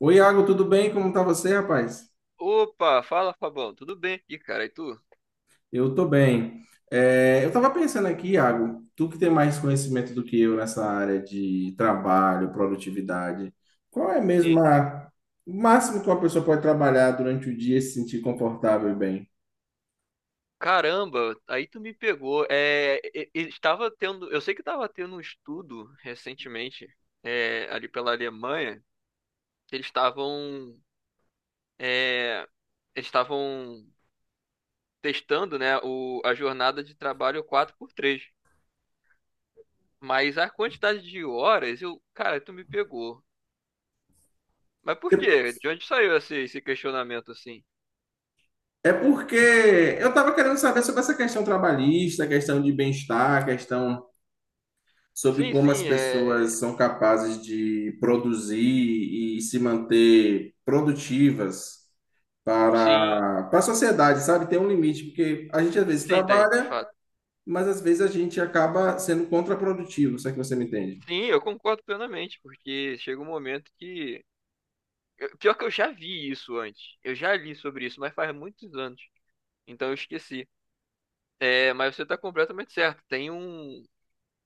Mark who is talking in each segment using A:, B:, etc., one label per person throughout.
A: Oi, Iago, tudo bem? Como tá você, rapaz?
B: Opa, fala Fabão, tudo bem? E cara, e tu?
A: Eu tô bem. É, eu tava pensando aqui, Iago, tu que tem mais conhecimento do que eu nessa área de trabalho, produtividade, qual é mesmo
B: Sim.
A: o máximo que uma pessoa pode trabalhar durante o dia e se sentir confortável e bem?
B: Caramba, aí tu me pegou. Estava tendo, eu sei que estava tendo um estudo recentemente, ali pela Alemanha, que é, eles estavam testando, né, a jornada de trabalho quatro por três. Mas a quantidade de horas, cara, tu me pegou. Mas por quê? De onde saiu esse questionamento assim?
A: É porque eu tava querendo saber sobre essa questão trabalhista, questão de bem-estar, questão sobre
B: Sim,
A: como
B: sim,
A: as pessoas são capazes de produzir e se manter produtivas
B: sim,
A: para a sociedade, sabe? Tem um limite, porque a gente às vezes
B: sim, tem, de
A: trabalha,
B: fato.
A: mas às vezes a gente acaba sendo contraprodutivo, se é que você me entende.
B: Sim, eu concordo plenamente, porque chega um momento que. Pior que eu já vi isso antes. Eu já li sobre isso, mas faz muitos anos. Então eu esqueci. Mas você está completamente certo. Tem um,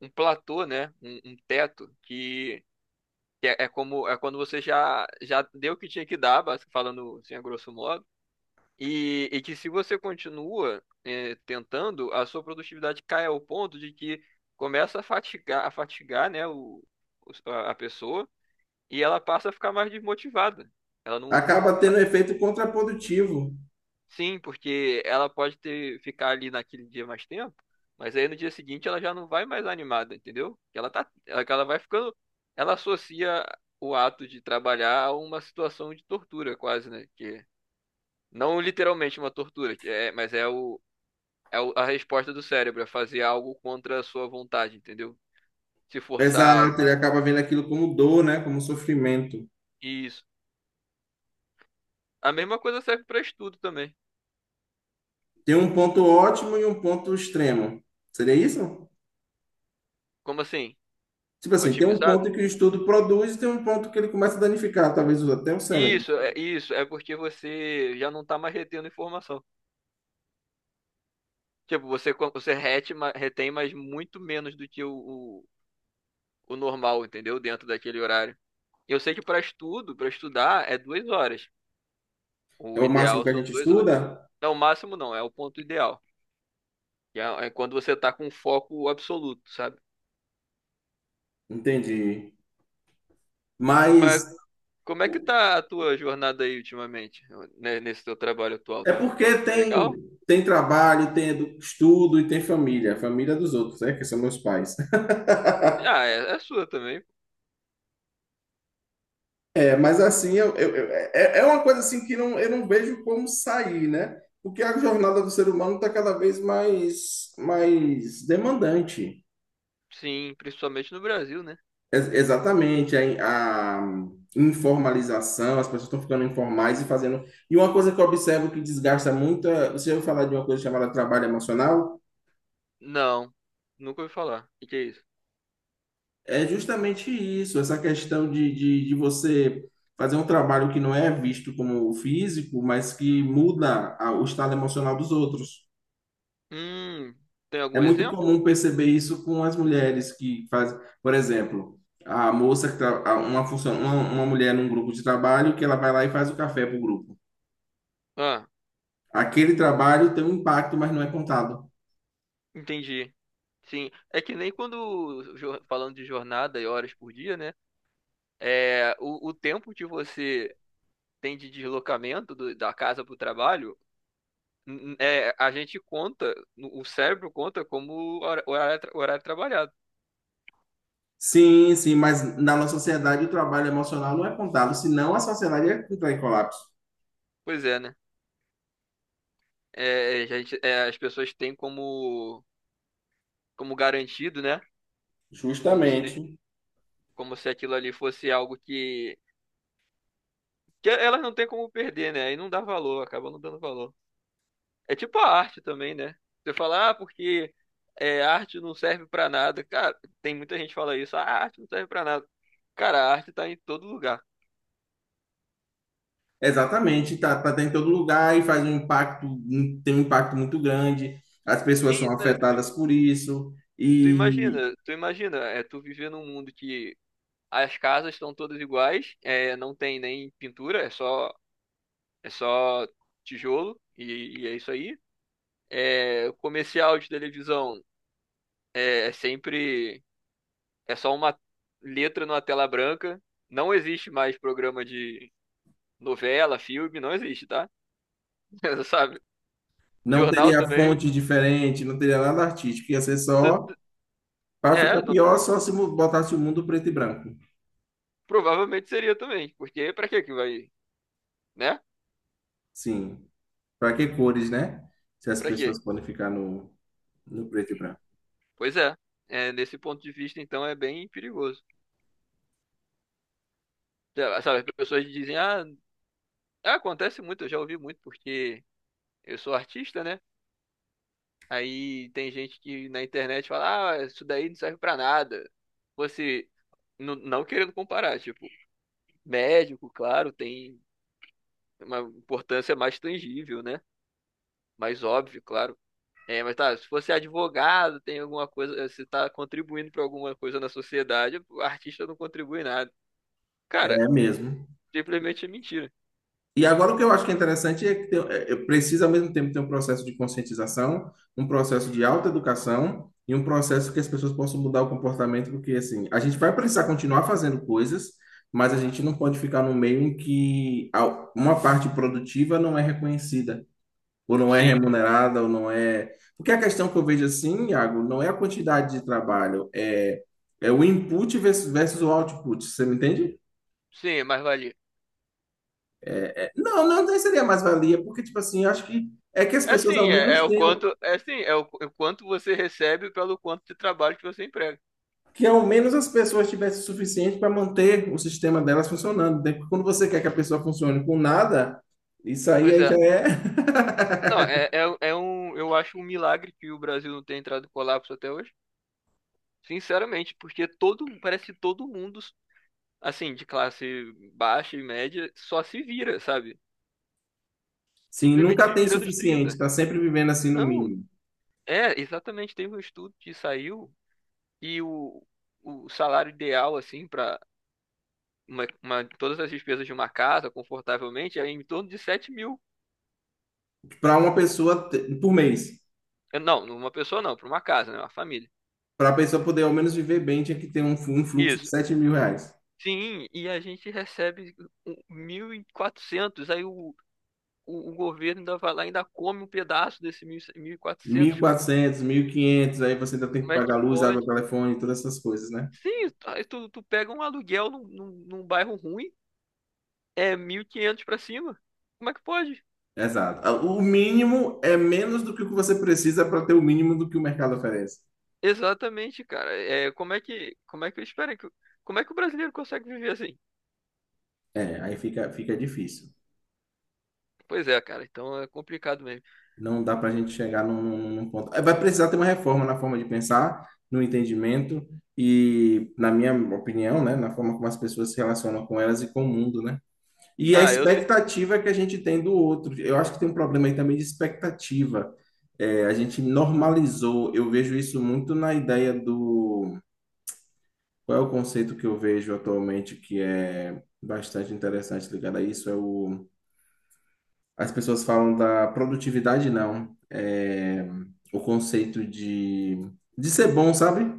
B: um platô, né? Um teto que é como é quando você já deu o que tinha que dar, falando assim a grosso modo. E que se você continua tentando, a sua produtividade cai ao ponto de que começa a fatigar, né, a pessoa. E ela passa a ficar mais desmotivada. Ela não.
A: Acaba tendo um efeito contraprodutivo.
B: Sim, porque ela pode ter ficar ali naquele dia mais tempo, mas aí no dia seguinte ela já não vai mais animada, entendeu? Ela vai ficando, ela associa o ato de trabalhar a uma situação de tortura, quase, né? Que não literalmente uma tortura, que é, mas a resposta do cérebro, é fazer algo contra a sua vontade, entendeu? Se forçar,
A: Exato, ele acaba vendo aquilo como dor, né? Como sofrimento.
B: isso. A mesma coisa serve para estudo também.
A: Tem um ponto ótimo e um ponto extremo. Seria isso?
B: Como assim?
A: Tipo assim, tem um
B: Otimizado?
A: ponto que o estudo produz e tem um ponto que ele começa a danificar, talvez até o cérebro.
B: Isso, é porque você já não tá mais retendo informação. Tipo, você retém, mas muito menos do que o normal, entendeu? Dentro daquele horário. Eu sei que para estudar, é 2 horas.
A: É
B: O
A: o máximo
B: ideal
A: que a
B: são
A: gente
B: 2 horas.
A: estuda?
B: Não, o máximo não, é o ponto ideal. É quando você tá com foco absoluto, sabe?
A: Entendi.
B: Mas
A: Mas
B: como é que tá a tua jornada aí ultimamente, né, nesse teu trabalho atual?
A: é
B: Tá, tá,
A: porque
B: tá legal?
A: tem tem trabalho, tem edu- estudo e tem família, família dos outros, né, que são meus pais.
B: Ah, é sua também.
A: É, mas assim, é uma coisa assim que não, eu não vejo como sair, né? Porque a jornada do ser humano está cada vez mais demandante.
B: Sim, principalmente no Brasil, né?
A: Exatamente, a informalização, as pessoas estão ficando informais e fazendo. E uma coisa que eu observo que desgasta muito, você ouviu falar de uma coisa chamada trabalho emocional?
B: Não, nunca ouvi falar. O que que é isso?
A: É justamente isso, essa questão de você fazer um trabalho que não é visto como físico, mas que muda o estado emocional dos outros.
B: Hum, tem
A: É
B: algum
A: muito
B: exemplo?
A: comum perceber isso com as mulheres que fazem, por exemplo. A moça que tra- a- uma função, uma mulher num grupo de trabalho que ela vai lá e faz o café para o grupo.
B: Ah,
A: Aquele trabalho tem um impacto, mas não é contado.
B: entendi. Sim, é que nem quando falando de jornada e horas por dia, né? É, o tempo que você tem de deslocamento da casa para o trabalho, a gente conta, o cérebro conta como horário, horário trabalhado.
A: Sim, sim, mas na nossa sociedade o trabalho emocional não é contado, senão a sociedade é que em colapso.
B: Pois é, né? As pessoas têm como garantido, né? Como se,
A: Justamente.
B: como se aquilo ali fosse algo que elas não têm como perder, né? Aí não dá valor, acaba não dando valor. É tipo a arte também, né? Você fala, ah, porque arte não serve pra nada. Cara, tem muita gente que fala isso. Ah, a arte não serve pra nada. Cara, a arte tá em todo lugar.
A: Exatamente, tá em todo lugar e faz um impacto, tem um impacto muito grande. As pessoas são
B: Sim, né,
A: afetadas por isso
B: tu
A: e
B: imagina, tu viver num mundo que as casas estão todas iguais, não tem nem pintura, é só tijolo e é isso aí. O comercial de televisão é, é sempre É só uma letra numa tela branca. Não existe mais programa de novela, filme, não existe, tá? Sabe?
A: não
B: Jornal
A: teria
B: também.
A: fonte diferente, não teria nada artístico, ia ser só para ficar
B: É, não-
A: pior só se mu- botasse o mundo preto e branco.
B: provavelmente seria também. Porque pra que que vai, né?
A: Sim, para que cores, né? Se as
B: Pra quê?
A: pessoas podem ficar no preto e branco.
B: Pois é. Nesse ponto de vista, então, é bem perigoso. Sabe as pessoas dizem, ah, acontece muito, eu já ouvi muito, porque eu sou artista, né? Aí tem gente que na internet fala, ah, isso daí não serve pra nada. Você, não querendo comparar, tipo, médico, claro, tem uma importância mais tangível, né? Mais óbvio, claro. Mas tá, se você é advogado, tem alguma coisa, se tá contribuindo para alguma coisa na sociedade, o artista não contribui nada. Cara,
A: É mesmo.
B: simplesmente é mentira.
A: E agora o que eu acho que é interessante é que precisa ao mesmo tempo ter um processo de conscientização, um processo de autoeducação e um processo que as pessoas possam mudar o comportamento, porque assim, a gente vai precisar continuar fazendo coisas, mas a gente não pode ficar no meio em que uma parte produtiva não é reconhecida, ou não é
B: Sim,
A: remunerada, ou não é. Porque a questão que eu vejo assim, Iago, não é a quantidade de trabalho, é, é o input versus o output, você me entende?
B: sim, é mais valia.
A: Não, não seria mais-valia, porque, tipo assim, eu acho que é que as
B: É
A: pessoas ao
B: sim,
A: menos tenham,
B: é sim, é o quanto você recebe pelo quanto de trabalho que você emprega.
A: que ao menos as pessoas tivessem o suficiente para manter o sistema delas funcionando, né? Porque quando você quer que a pessoa funcione com nada, isso aí,
B: Pois
A: aí
B: é.
A: já é.
B: Não, eu acho um milagre que o Brasil não tenha entrado em colapso até hoje. Sinceramente, porque parece que todo mundo assim, de classe baixa e média, só se vira, sabe?
A: Sim,
B: Simplesmente
A: nunca
B: se
A: tem
B: vira dos
A: suficiente,
B: trinta.
A: tá sempre vivendo assim no
B: Não,
A: mínimo.
B: exatamente. Teve um estudo que saiu e o salário ideal, assim, para todas as despesas de uma casa, confortavelmente, é em torno de 7.000.
A: Para uma pessoa te- por mês,
B: Não uma pessoa não, para uma casa, né? Uma família.
A: para a pessoa poder ao menos viver bem, tinha que ter um, fu- um fluxo de
B: Isso.
A: 7.000 reais.
B: Sim, e a gente recebe 1.400 aí o, o governo ainda vai lá e ainda come um pedaço desse 1.400, cara.
A: 1.400, 500, aí você ainda tem que
B: Como é que
A: pagar luz, água,
B: pode?
A: telefone, todas essas coisas, né?
B: Sim, tu pega um aluguel num bairro ruim, é 1.500 pra cima. Como é que pode?
A: Exato. Ah, o mínimo é menos do que o que você precisa para ter o mínimo do que o mercado oferece.
B: Exatamente, cara. Como é que o brasileiro consegue viver assim?
A: É, aí fica, fica difícil.
B: Pois é, cara, então é complicado mesmo.
A: Não dá para a gente chegar num, num ponto. É, vai precisar ter uma reforma na forma de pensar, no entendimento e, na minha opinião, né, na forma como as pessoas se relacionam com elas e com o mundo, né? E a
B: Ah, eu sei.
A: expectativa que a gente tem do outro. Eu acho que tem um problema aí também de expectativa. É, a gente normalizou. Eu vejo isso muito na ideia do. Qual é o conceito que eu vejo atualmente que é bastante interessante ligado a isso? É o... As pessoas falam da produtividade, não. É o conceito de ser bom, sabe?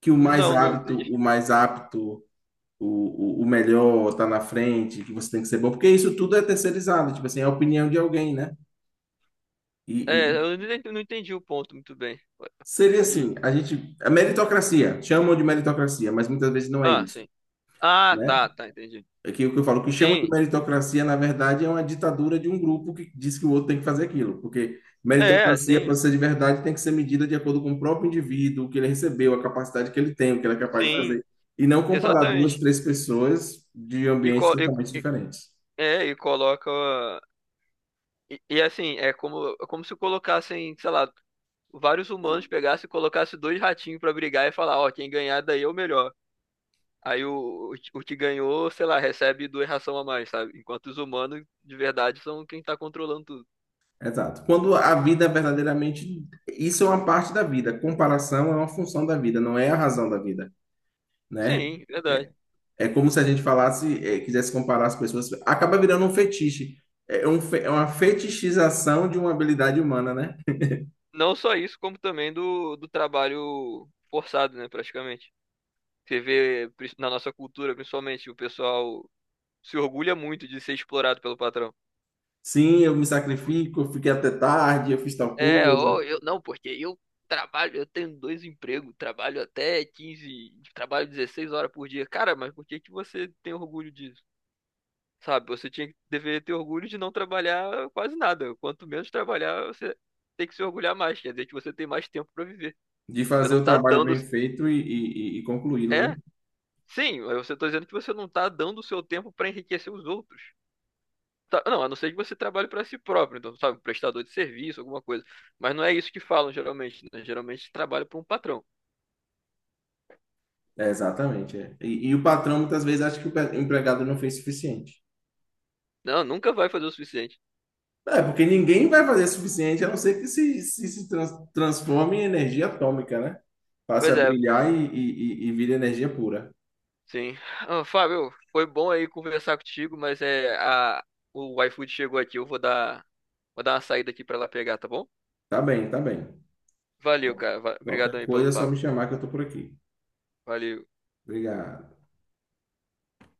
A: Que o mais
B: Não, não
A: hábito,
B: entendi.
A: o mais apto, o melhor tá na frente, que você tem que ser bom. Porque isso tudo é terceirizado, tipo assim, é a opinião de alguém, né? E,
B: É,
A: e
B: eu não entendi o ponto muito bem.
A: seria
B: Pode.
A: assim, a gente... A meritocracia, chamam de meritocracia, mas muitas vezes não é
B: Ah,
A: isso.
B: sim. Ah,
A: Né?
B: tá, tá, entendi.
A: É que o que eu falo, o que chama de
B: Sim.
A: meritocracia, na verdade, é uma ditadura de um grupo que diz que o outro tem que fazer aquilo. Porque
B: É,
A: meritocracia, para
B: sim.
A: ser de verdade, tem que ser medida de acordo com o próprio indivíduo, o que ele recebeu, a capacidade que ele tem, o que ele é capaz de
B: Sim,
A: fazer. E não comparar duas,
B: exatamente.
A: três pessoas de
B: E,
A: ambientes
B: co- e-
A: totalmente diferentes.
B: é, e coloca assim, é como se colocassem, sei lá, vários humanos pegassem e colocassem dois ratinhos pra brigar e falar, ó, quem ganhar daí é o melhor. Aí o que ganhou, sei lá, recebe duas ração a mais, sabe? Enquanto os humanos, de verdade, são quem tá controlando tudo.
A: Exato. Quando a vida é verdadeiramente. Isso é uma parte da vida. Comparação é uma função da vida, não é a razão da vida, né?
B: Sim, verdade.
A: É, é como se a gente falasse, quisesse comparar as pessoas. Acaba virando um fetiche. É, é uma fetichização de uma habilidade humana, né?
B: Não só isso, como também do trabalho forçado, né, praticamente. Você vê na nossa cultura, principalmente, o pessoal se orgulha muito de ser explorado pelo patrão.
A: Sim, eu me sacrifico, eu fiquei até tarde, eu fiz tal
B: Ou
A: coisa.
B: eu não, porque eu trabalho, eu tenho dois empregos, trabalho até 15, trabalho 16 horas por dia. Cara, mas por que que você tem orgulho disso? Sabe, você deveria ter orgulho de não trabalhar quase nada. Quanto menos trabalhar, você tem que se orgulhar mais. Quer dizer que você tem mais tempo pra viver.
A: De
B: Você
A: fazer
B: não
A: o
B: tá
A: trabalho
B: dando.
A: bem feito e concluí-lo, né?
B: É, sim, eu só tô dizendo que você não tá dando o seu tempo pra enriquecer os outros. Não, a não ser que você trabalhe pra si próprio, então, sabe, um prestador de serviço, alguma coisa. Mas não é isso que falam geralmente, né? Geralmente trabalha para um patrão.
A: É, exatamente. É. E o patrão muitas vezes acha que o pe- empregado não fez o suficiente.
B: Não, nunca vai fazer o suficiente.
A: É, porque ninguém vai fazer o suficiente, a não ser que se transforme em energia atômica, né? Passe
B: Pois
A: a
B: é,
A: brilhar e vire energia pura.
B: sim. Ah, Fábio, foi bom aí conversar contigo, mas é a o iFood chegou aqui, eu vou dar uma saída aqui pra lá pegar, tá bom?
A: Tá bem, tá bem.
B: Valeu,
A: Bom,
B: cara. Obrigadão
A: qualquer
B: aí pelo
A: coisa é só me
B: papo.
A: chamar que eu tô por aqui.
B: Valeu.
A: Obrigado.